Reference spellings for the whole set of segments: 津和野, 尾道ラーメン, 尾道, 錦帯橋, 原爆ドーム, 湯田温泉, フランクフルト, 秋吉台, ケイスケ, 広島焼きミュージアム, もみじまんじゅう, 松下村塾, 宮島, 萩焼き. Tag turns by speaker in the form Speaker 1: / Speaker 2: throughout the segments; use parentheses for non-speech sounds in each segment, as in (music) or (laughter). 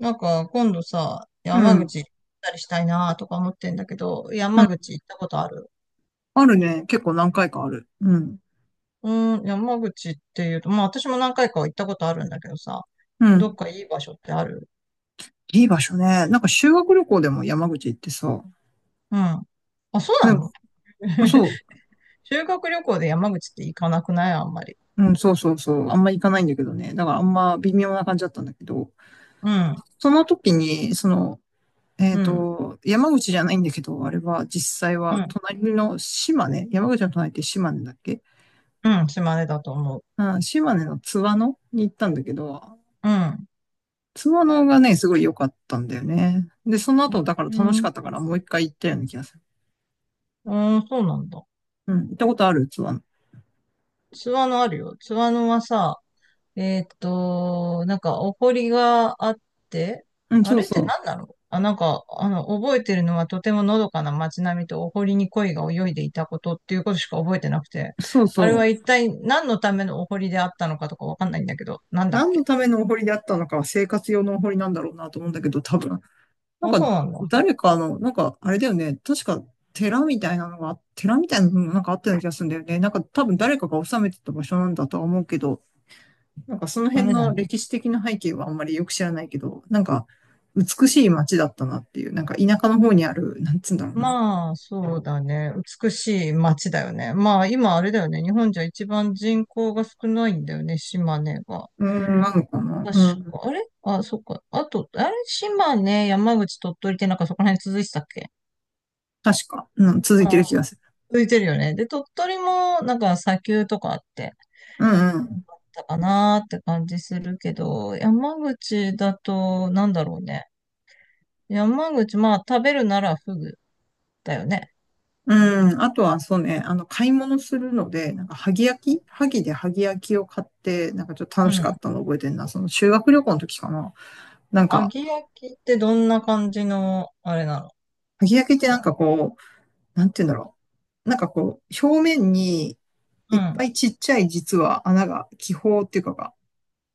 Speaker 1: なんか、今度さ、
Speaker 2: う
Speaker 1: 山
Speaker 2: ん。
Speaker 1: 口行ったりしたいなとか思ってんだけど、
Speaker 2: う
Speaker 1: 山
Speaker 2: ん。
Speaker 1: 口行ったことある？
Speaker 2: あるね。結構何回かある。うん。
Speaker 1: うーん、山口っていうと、まあ私も何回かは行ったことあるんだけどさ、
Speaker 2: う
Speaker 1: どっ
Speaker 2: ん。
Speaker 1: かいい場所ってある？
Speaker 2: いい場所ね。なんか修学旅行でも山口行ってさ。
Speaker 1: うん。あ、そう
Speaker 2: で
Speaker 1: な
Speaker 2: も、
Speaker 1: の？ (laughs)
Speaker 2: そう。
Speaker 1: 修学旅行で山口って行かなくない？あんまり。
Speaker 2: うん、そうそうそう。あんま行かないんだけどね。だからあんま微妙な感じだったんだけど。
Speaker 1: うん、
Speaker 2: その時に、その、
Speaker 1: うん、
Speaker 2: 山口じゃないんだけど、あれは実際
Speaker 1: う
Speaker 2: は
Speaker 1: ん、
Speaker 2: 隣の島根、山口の隣って島根だっけ？
Speaker 1: うん、島根だと思う。
Speaker 2: うん、島根の津和野に行ったんだけど、
Speaker 1: うん、
Speaker 2: 津和野がね、すごい良かったんだよね。で、その後、だから
Speaker 1: う
Speaker 2: 楽しか
Speaker 1: ん、
Speaker 2: ったからもう一回行ったような気がする。
Speaker 1: うん、そうなんだ。
Speaker 2: うん、行ったことある器。
Speaker 1: 津和野あるよ。津和野はさ、なんか、お堀があって、
Speaker 2: うん、
Speaker 1: あ
Speaker 2: そう
Speaker 1: れって
Speaker 2: そ
Speaker 1: 何なの？あ、なんか、覚えてるのはとてものどかな街並みとお堀に鯉が泳いでいたことっていうことしか覚えてなくて、
Speaker 2: う。そう
Speaker 1: あれは
Speaker 2: そ
Speaker 1: 一
Speaker 2: う。
Speaker 1: 体何のためのお堀であったのかとかわかんないんだけど、なんだっ
Speaker 2: 何の
Speaker 1: け？
Speaker 2: ためのお堀であったのかは生活用のお堀なんだろうなと思うんだけど、多分。なん
Speaker 1: あ、そ
Speaker 2: か、
Speaker 1: うなんだ。
Speaker 2: 誰かの、なんか、あれだよね。確か、寺みたいなのがなんかあったような気がするんだよね。なんか、多分誰かが治めてた場所なんだとは思うけど、なんかその
Speaker 1: ダ
Speaker 2: 辺
Speaker 1: メだ
Speaker 2: の
Speaker 1: ね。
Speaker 2: 歴史的な背景はあんまりよく知らないけど、なんか、美しい街だったなっていう、なんか田舎の方にある、なんつうんだろうな。
Speaker 1: まあ、そうだね。美しい街だよね。まあ、今あれだよね。日本じゃ一番人口が少ないんだよね、島根が。
Speaker 2: うーん、なのかな。
Speaker 1: 確
Speaker 2: うん。
Speaker 1: か、あれ、あ、そっか。あと、あれ島根、山口、鳥取ってなんかそこら辺続いてたっけ？
Speaker 2: 確か、うん、続い
Speaker 1: うん、
Speaker 2: てる気がする。
Speaker 1: 続いてるよね。で、鳥取もなんか砂丘とかあって、
Speaker 2: うんうん。
Speaker 1: たかなーって感じするけど、山口だと、なんだろうね。山口、まあ食べるならフグだよね。
Speaker 2: うん。あとは、そうね、あの、買い物するので、なんか、萩焼き萩で萩焼きを買って、なんかちょっと
Speaker 1: う
Speaker 2: 楽しか
Speaker 1: ん。
Speaker 2: ったの覚えてんな。その修学旅行の時かな。なん
Speaker 1: 揚
Speaker 2: か、
Speaker 1: げ焼きってどんな感じの、あれなの？
Speaker 2: 萩焼きってなんかこう、なんて言うんだろう。なんかこう、表面に
Speaker 1: う
Speaker 2: いっ
Speaker 1: ん、
Speaker 2: ぱいちっちゃい実は穴が、気泡っていうかが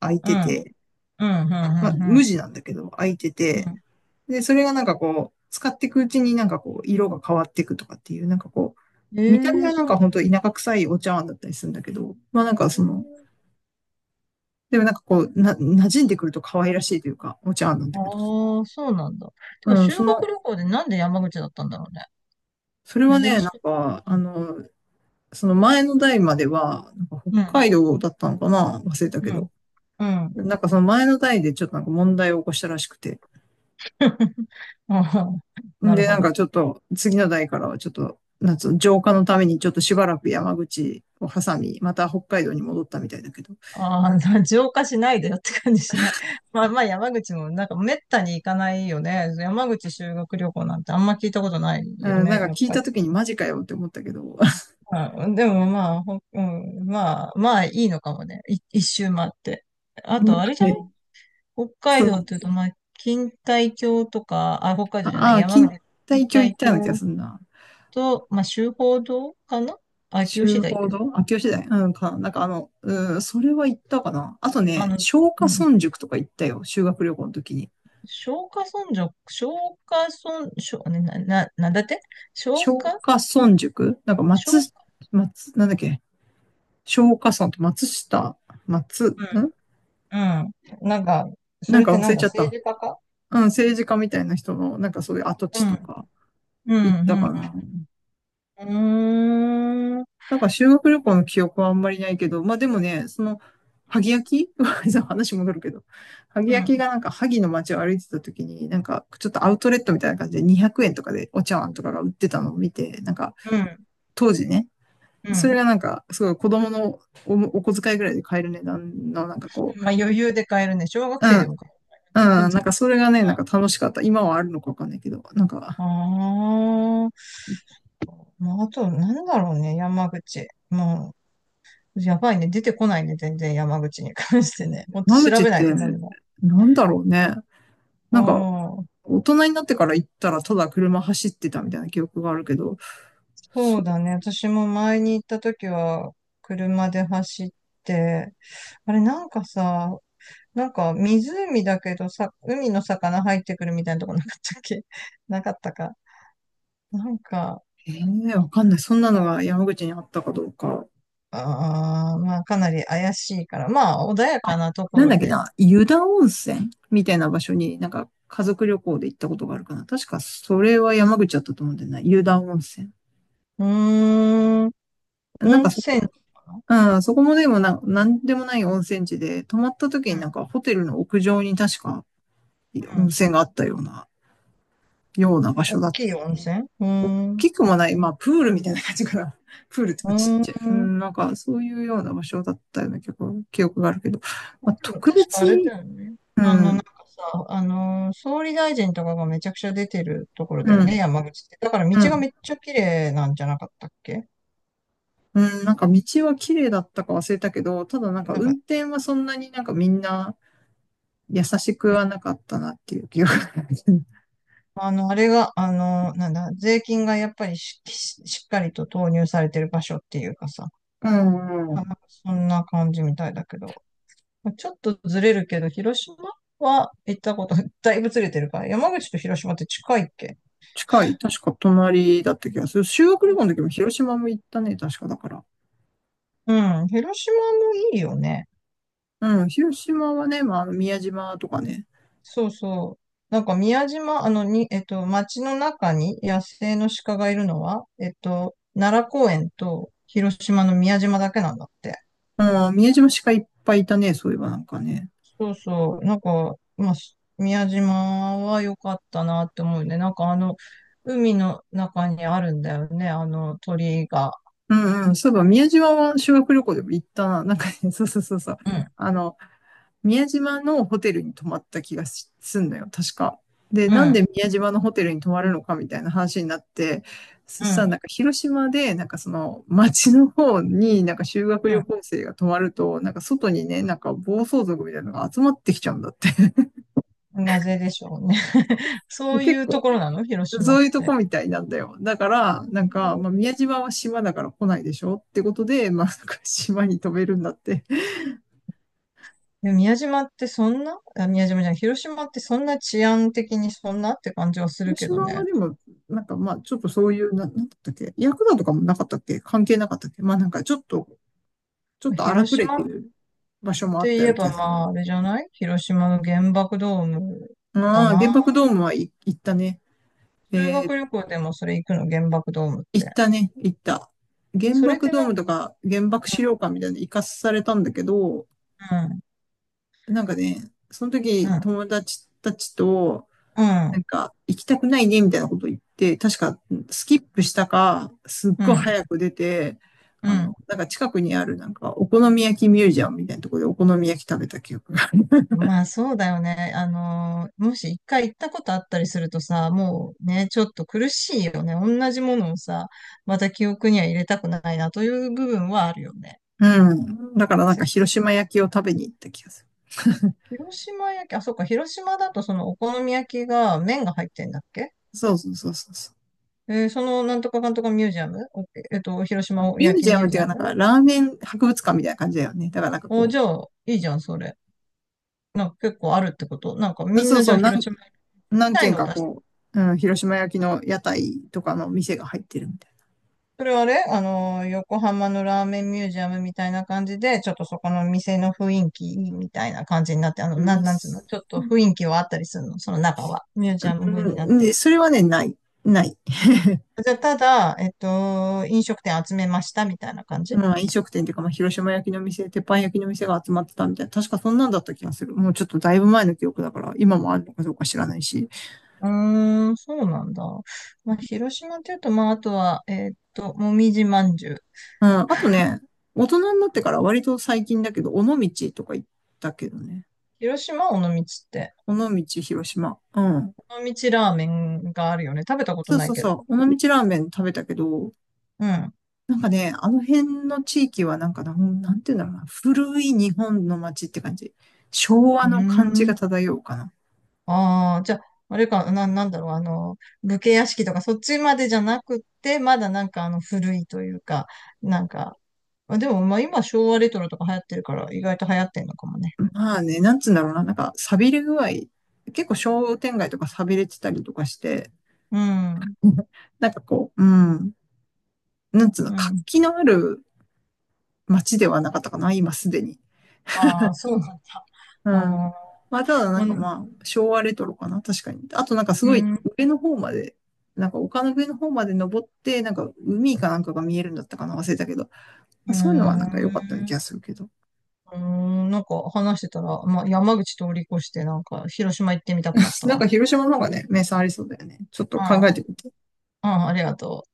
Speaker 2: 開い
Speaker 1: う
Speaker 2: て
Speaker 1: ん、
Speaker 2: て、
Speaker 1: うん、うん、
Speaker 2: まあ、
Speaker 1: うん、う
Speaker 2: 無
Speaker 1: ん。
Speaker 2: 地なんだけど、開いて
Speaker 1: う
Speaker 2: て、
Speaker 1: ん、
Speaker 2: で、それがなんかこう、使っていくうちになんかこう、色が変わっていくとかっていう、なんかこ
Speaker 1: え
Speaker 2: う、
Speaker 1: え
Speaker 2: 見た目
Speaker 1: ー、
Speaker 2: はなん
Speaker 1: そう
Speaker 2: か
Speaker 1: な
Speaker 2: 本当田舎臭いお茶碗だったりするんだけど、まあなんかその、
Speaker 1: の。
Speaker 2: でもなんかこう、な、馴染んでくると可愛らしいというか、お茶碗なんだけど。
Speaker 1: ああ、そうなんだ。てか、
Speaker 2: うん、
Speaker 1: 修
Speaker 2: そ
Speaker 1: 学
Speaker 2: の、
Speaker 1: 旅行でなんで山口だったんだろう？
Speaker 2: それは
Speaker 1: ね。珍
Speaker 2: ね、な
Speaker 1: し
Speaker 2: ん
Speaker 1: く。
Speaker 2: か、
Speaker 1: う
Speaker 2: あ
Speaker 1: ん、
Speaker 2: の、その前の代までは、なんか
Speaker 1: う
Speaker 2: 北
Speaker 1: ん、
Speaker 2: 海道だったのかな忘れた
Speaker 1: う
Speaker 2: け
Speaker 1: ん。
Speaker 2: ど。
Speaker 1: うん。
Speaker 2: なんかその前の代でちょっとなんか問題を起こしたらしくて。
Speaker 1: (laughs) あー、
Speaker 2: ん
Speaker 1: なる
Speaker 2: で、
Speaker 1: ほ
Speaker 2: なんか
Speaker 1: ど。
Speaker 2: ちょっと、次の代からはちょっと、なんつうの浄化のためにちょっとしばらく山口を挟み、また北海道に戻ったみたいだけど。
Speaker 1: ああ、浄化しないでよって感じしない？(laughs) まあまあ山口もなんかめったに行かないよね。山口修学旅行なんてあんま聞いたことない
Speaker 2: う
Speaker 1: よ
Speaker 2: ん、なん
Speaker 1: ね、
Speaker 2: か
Speaker 1: やっ
Speaker 2: 聞い
Speaker 1: ぱ
Speaker 2: た
Speaker 1: り。
Speaker 2: 時にマジかよって思ったけど。
Speaker 1: うん、でもまあ、ほうん、まあ、まあいいのかもね。一周回って。あと、あれ
Speaker 2: (laughs)
Speaker 1: じゃ
Speaker 2: ね、
Speaker 1: 北
Speaker 2: そ
Speaker 1: 海道っ
Speaker 2: う、
Speaker 1: ていうと、まあ、錦帯橋とか、あ、北海道じゃない、
Speaker 2: ああ、
Speaker 1: 山
Speaker 2: 錦
Speaker 1: 口、錦
Speaker 2: 帯橋行っ
Speaker 1: 帯
Speaker 2: たような気が
Speaker 1: 橋
Speaker 2: するな。
Speaker 1: と、まあ、周芳堂かな？秋吉
Speaker 2: 週
Speaker 1: 台っ
Speaker 2: 報
Speaker 1: ていう。
Speaker 2: 堂秋吉台うんか。なんかあの、うん、それは行ったかな。あと
Speaker 1: あ
Speaker 2: ね、
Speaker 1: の、
Speaker 2: 松
Speaker 1: う
Speaker 2: 下
Speaker 1: ん。
Speaker 2: 村塾とか行ったよ。修学旅行の時に。
Speaker 1: 松下村松下村、しょ、ね、な、な、なんだって。松
Speaker 2: 松
Speaker 1: 下松
Speaker 2: 下村塾なんか松、
Speaker 1: 下
Speaker 2: 松、なんだっけ松下村と松下、松、
Speaker 1: う
Speaker 2: ん
Speaker 1: ん。うん、なんか、そ
Speaker 2: なん
Speaker 1: れっ
Speaker 2: か
Speaker 1: て
Speaker 2: 忘
Speaker 1: なん
Speaker 2: れ
Speaker 1: だ、
Speaker 2: ちゃっ
Speaker 1: 政
Speaker 2: た。
Speaker 1: 治家か？
Speaker 2: うん、政治家みたいな人の、なんかそういう跡
Speaker 1: う
Speaker 2: 地と
Speaker 1: ん、
Speaker 2: か
Speaker 1: う
Speaker 2: 行った
Speaker 1: ん、
Speaker 2: かな。
Speaker 1: うん、うーん、うん、
Speaker 2: なんか修学旅行の記憶はあんまりないけど、まあでもね、その、萩焼き (laughs) そう話戻るけど、萩
Speaker 1: う
Speaker 2: 焼き
Speaker 1: ん、
Speaker 2: がなんか萩の街を歩いてた時に、なんかちょっとアウトレットみたいな感じで200円とかでお茶碗とかが売ってたのを見て、なんか
Speaker 1: うん。
Speaker 2: 当時ね、それがなんかすごい子供のおお小遣いぐらいで買える値段のなんかこ
Speaker 1: まあ、余裕で買えるね。小学
Speaker 2: う、う
Speaker 1: 生でも
Speaker 2: ん、
Speaker 1: 買える。(laughs) う
Speaker 2: う
Speaker 1: ん。
Speaker 2: ん、なんかそれがね、なん
Speaker 1: あ
Speaker 2: か楽しかった。今はあるのかわかんないけど、なんか、
Speaker 1: あ、まあ、あと、なんだろうね、山口。もう、やばいね。出てこないね、全然山口に関してね。もっと
Speaker 2: 間
Speaker 1: 調
Speaker 2: 口っ
Speaker 1: べない
Speaker 2: て
Speaker 1: とダメだ。
Speaker 2: なんだろうね。
Speaker 1: う
Speaker 2: なんか
Speaker 1: ん。
Speaker 2: 大人になってから行ったらただ車走ってたみたいな記憶があるけど、
Speaker 1: そ
Speaker 2: そ
Speaker 1: うだ
Speaker 2: う、
Speaker 1: ね。私も前に行った時は、車で走って、あれ、なんかさ、なんか湖だけどさ、海の魚入ってくるみたいなとこなかったっけ？ (laughs) なかったか。なんか、
Speaker 2: ええわかんない。そんなのが山口にあったかどうか。
Speaker 1: あー、まあ、かなり怪しいから。まあ、穏や
Speaker 2: あ
Speaker 1: かなとこ
Speaker 2: なん
Speaker 1: ろ
Speaker 2: だっけ
Speaker 1: で。
Speaker 2: な、湯田温泉みたいな場所になんか家族旅行で行ったことがあるかな。確かそれは山口だったと思うんだよな、湯田温泉。
Speaker 1: うーん、
Speaker 2: なん
Speaker 1: 温
Speaker 2: かそ
Speaker 1: 泉
Speaker 2: こ、
Speaker 1: かな？
Speaker 2: うん、そこもでもな、なんでもない温泉地で、泊まった時
Speaker 1: う
Speaker 2: にな
Speaker 1: ん、
Speaker 2: んかホテルの屋上に確か
Speaker 1: う
Speaker 2: 温
Speaker 1: ん、
Speaker 2: 泉があったような、ような場所
Speaker 1: 大
Speaker 2: だっ
Speaker 1: きい温泉、うー
Speaker 2: 大
Speaker 1: ん。う
Speaker 2: きくもない、まあ、プールみたいな感じかな。(laughs) プールと
Speaker 1: ー
Speaker 2: かちっちゃい。う
Speaker 1: ん。
Speaker 2: ん、なんか、そういうような場所だったような結構記憶があるけど、まあ、
Speaker 1: でも
Speaker 2: 特
Speaker 1: 確か
Speaker 2: 別
Speaker 1: あれだ
Speaker 2: に、
Speaker 1: よね。
Speaker 2: う
Speaker 1: なん
Speaker 2: ん、
Speaker 1: かさ、総理大臣とかがめちゃくちゃ出てるところ
Speaker 2: う
Speaker 1: だよね、
Speaker 2: ん、
Speaker 1: 山口って。だから道
Speaker 2: う
Speaker 1: が
Speaker 2: ん、
Speaker 1: めっちゃ綺麗なんじゃなかったっけ？
Speaker 2: うん、なんか道は綺麗だったか忘れたけど、ただなんか
Speaker 1: なん
Speaker 2: 運
Speaker 1: か、
Speaker 2: 転はそんなになんかみんな優しくはなかったなっていう記憶がある。(laughs)
Speaker 1: あの、あれが、あの、なんだ、税金がやっぱりしっかりと投入されてる場所っていうかさ、
Speaker 2: うんう
Speaker 1: なんか
Speaker 2: ん。
Speaker 1: そんな感じみたいだけど。ちょっとずれるけど、広島は行ったこと、(laughs) だいぶずれてるから、山口と広島って近いっけ？
Speaker 2: 近い。確か隣だった気がする。修学旅行の時も広島も行ったね、確かだから。
Speaker 1: うん、広島もいいよね。
Speaker 2: うん、広島はね、まあ、あの宮島とかね、
Speaker 1: そうそう。なんか宮島、に、町の中に野生の鹿がいるのは、奈良公園と広島の宮島だけなんだって。
Speaker 2: うん、宮島鹿いっぱいいたね、そういえばなんかね。
Speaker 1: そうそう。なんか、まあ、宮島は良かったなって思うね。なんか、あの、海の中にあるんだよね。あの鳥居が。
Speaker 2: うんうん、そういえば宮島は修学旅行でも行ったな。なんかね、(laughs) そうそうそうそう。
Speaker 1: うん、
Speaker 2: あの、宮島のホテルに泊まった気がしすんのよ、確か。で、
Speaker 1: う
Speaker 2: なんで
Speaker 1: ん、
Speaker 2: 宮島のホテルに泊まるのかみたいな話になって、そ
Speaker 1: う
Speaker 2: したら
Speaker 1: ん、
Speaker 2: なんか広島で、なんかその町の方になんか修学旅行生が泊まると、なんか外にね、なんか暴走族みたいなのが集まってきちゃうんだって。(laughs)
Speaker 1: うん。なぜでしょうね。(laughs) そ
Speaker 2: で
Speaker 1: う
Speaker 2: 結
Speaker 1: いう
Speaker 2: 構
Speaker 1: ところなの広島
Speaker 2: そ
Speaker 1: っ
Speaker 2: ういうとこ
Speaker 1: て。
Speaker 2: みたいなんだよ。だから、なんか、まあ、宮島は島だから来ないでしょってことで、まあ、なんか島に飛べるんだって。
Speaker 1: で、宮島ってそんな、あ、宮島じゃない、広島ってそんな治安的にそんなって感じはする
Speaker 2: 広
Speaker 1: けど
Speaker 2: 島は
Speaker 1: ね。
Speaker 2: でも、なんかまあ、ちょっとそういう、な、なんだったっけヤクザとかもなかったっけ関係なかったっけまあなんかちょっと、ちょっと荒
Speaker 1: 広
Speaker 2: くれ
Speaker 1: 島
Speaker 2: て
Speaker 1: っ
Speaker 2: る場所もあっ
Speaker 1: て
Speaker 2: たよ
Speaker 1: 言
Speaker 2: う
Speaker 1: え
Speaker 2: な気
Speaker 1: ば
Speaker 2: がす
Speaker 1: まあ、あれじゃない、広島の原爆ドーム
Speaker 2: る。
Speaker 1: だ
Speaker 2: ああ、原
Speaker 1: な。
Speaker 2: 爆ドームはい行ったね。
Speaker 1: 修
Speaker 2: えー、
Speaker 1: 学旅行でもそれ行くの、原爆ドームっ
Speaker 2: 行っ
Speaker 1: て？
Speaker 2: たね、行った。原
Speaker 1: それっ
Speaker 2: 爆
Speaker 1: て
Speaker 2: ドー
Speaker 1: なん
Speaker 2: ム
Speaker 1: か、
Speaker 2: とか原爆資料館みたいなの行かされたんだけど、
Speaker 1: うん、
Speaker 2: なんかね、その
Speaker 1: う
Speaker 2: 時
Speaker 1: ん、
Speaker 2: 友達たちと、
Speaker 1: う
Speaker 2: なん
Speaker 1: ん、
Speaker 2: か、行きたくないね、みたいなこと言って、確か、スキップしたか、すっ
Speaker 1: う
Speaker 2: ごい
Speaker 1: ん、
Speaker 2: 早く出て、
Speaker 1: う
Speaker 2: あの、
Speaker 1: ん。
Speaker 2: なんか近くにある、なんか、お好み焼きミュージアムみたいなところでお好み焼き食べた記憶がある。
Speaker 1: まあ、そうだよね。もし一回行ったことあったりするとさ、もうね、ちょっと苦しいよね。同じものをさ、また記憶には入れたくないなという部分はあるよね。
Speaker 2: (laughs) うん。だからなん
Speaker 1: せ
Speaker 2: か、広島焼きを食べに行った気がする。
Speaker 1: 広島焼き、あ、そっか、広島だとそのお好み焼きが麺が入ってんだっけ？
Speaker 2: そうそうそうそうそ
Speaker 1: そのなんとかかんとかミュージアム、広
Speaker 2: う。
Speaker 1: 島
Speaker 2: ミュ
Speaker 1: 焼
Speaker 2: ー
Speaker 1: き
Speaker 2: ジア
Speaker 1: ミュ
Speaker 2: ム
Speaker 1: ー
Speaker 2: って
Speaker 1: ジ
Speaker 2: い
Speaker 1: ア
Speaker 2: うか、なん
Speaker 1: ム。
Speaker 2: か、ラーメン博物館みたいな感じだよね。だからなんか
Speaker 1: お、
Speaker 2: こ
Speaker 1: じゃ
Speaker 2: う、
Speaker 1: あ、いいじゃん、それ。なんか結構あるってこと。なんかみん
Speaker 2: そう
Speaker 1: なじ
Speaker 2: そ
Speaker 1: ゃあ
Speaker 2: う、
Speaker 1: 広
Speaker 2: 何、
Speaker 1: 島焼きみ
Speaker 2: 何
Speaker 1: たい
Speaker 2: 軒
Speaker 1: のを
Speaker 2: か
Speaker 1: 出してる。
Speaker 2: こう、うん、広島焼きの屋台とかの店が入ってるみたい
Speaker 1: それはあれ、あの横浜のラーメンミュージアムみたいな感じで、ちょっとそこの店の雰囲気いいみたいな感じになって、
Speaker 2: な。うん
Speaker 1: なんつうの、
Speaker 2: 店
Speaker 1: ちょっと雰囲気はあったりするの、その中は。ミュージアム風になっ
Speaker 2: うん、
Speaker 1: て
Speaker 2: で、
Speaker 1: るって。
Speaker 2: それはね、ない。ない。(laughs)
Speaker 1: じゃあ、ただ、飲食店集めましたみたいな感じ？
Speaker 2: まあ、飲食店っていうか、まあ、広島焼きの店、鉄板焼きの店が集まってたみたいな。確かそんなんだった気がする。もうちょっとだいぶ前の記憶だから、今もあるのかどうか知らないし。
Speaker 1: うーん、そうなんだ。まあ、広島っていうと、まあ、あとは、もみじまんじゅう。
Speaker 2: うん。あとね、大人になってから割と最近だけど、尾道とか行ったけどね。
Speaker 1: 広島尾道って、
Speaker 2: 尾道、広島。うん。
Speaker 1: 尾道ラーメンがあるよね。食べたこと
Speaker 2: そう
Speaker 1: ない
Speaker 2: そう
Speaker 1: けど。
Speaker 2: そう。尾道ラーメン食べたけど、
Speaker 1: うん。
Speaker 2: なんかね、あの辺の地域はなんかな、なんていうんだろうな。古い日本の街って感じ。昭和
Speaker 1: うー
Speaker 2: の感じが
Speaker 1: ん。
Speaker 2: 漂うかな。
Speaker 1: ああ、じゃあ、あれか、なんだろう、あの、武家屋敷とか、そっちまでじゃなくって、まだなんか、あの、古いというか、なんか、まあでも、まあ、今、昭和レトロとか流行ってるから、意外と流行ってんのかもね。
Speaker 2: まあね、なんつうんだろうな。なんか、寂れ具合。結構商店街とか寂れてたりとかして、
Speaker 1: うん。
Speaker 2: (laughs) なんかこう、うん。なんつうの、
Speaker 1: う
Speaker 2: 活
Speaker 1: ん。
Speaker 2: 気のある街ではなかったかな、今すでに。
Speaker 1: ああ、そうなんだ。
Speaker 2: う
Speaker 1: あ
Speaker 2: ん。まあ、ただな
Speaker 1: ー、ま
Speaker 2: んか
Speaker 1: あ、
Speaker 2: まあ、昭和レトロかな、確かに。あとなんかす
Speaker 1: う
Speaker 2: ご
Speaker 1: ん。
Speaker 2: い
Speaker 1: うん。う
Speaker 2: 上の方まで、なんか丘の上の方まで登って、なんか海かなんかが見えるんだったかな、忘れたけど。まあ、そういうのはな
Speaker 1: ー
Speaker 2: んか良かったような気が
Speaker 1: ん、
Speaker 2: するけど。
Speaker 1: うーん、なんか話してたら、まあ、山口通り越して、なんか広島行ってみたくなっ
Speaker 2: (laughs)
Speaker 1: た
Speaker 2: なん
Speaker 1: わ。
Speaker 2: か広島の方がね、名産ありそうだよね。ちょっと
Speaker 1: う
Speaker 2: 考え
Speaker 1: ん、う
Speaker 2: てみて。
Speaker 1: ん、ありがとう。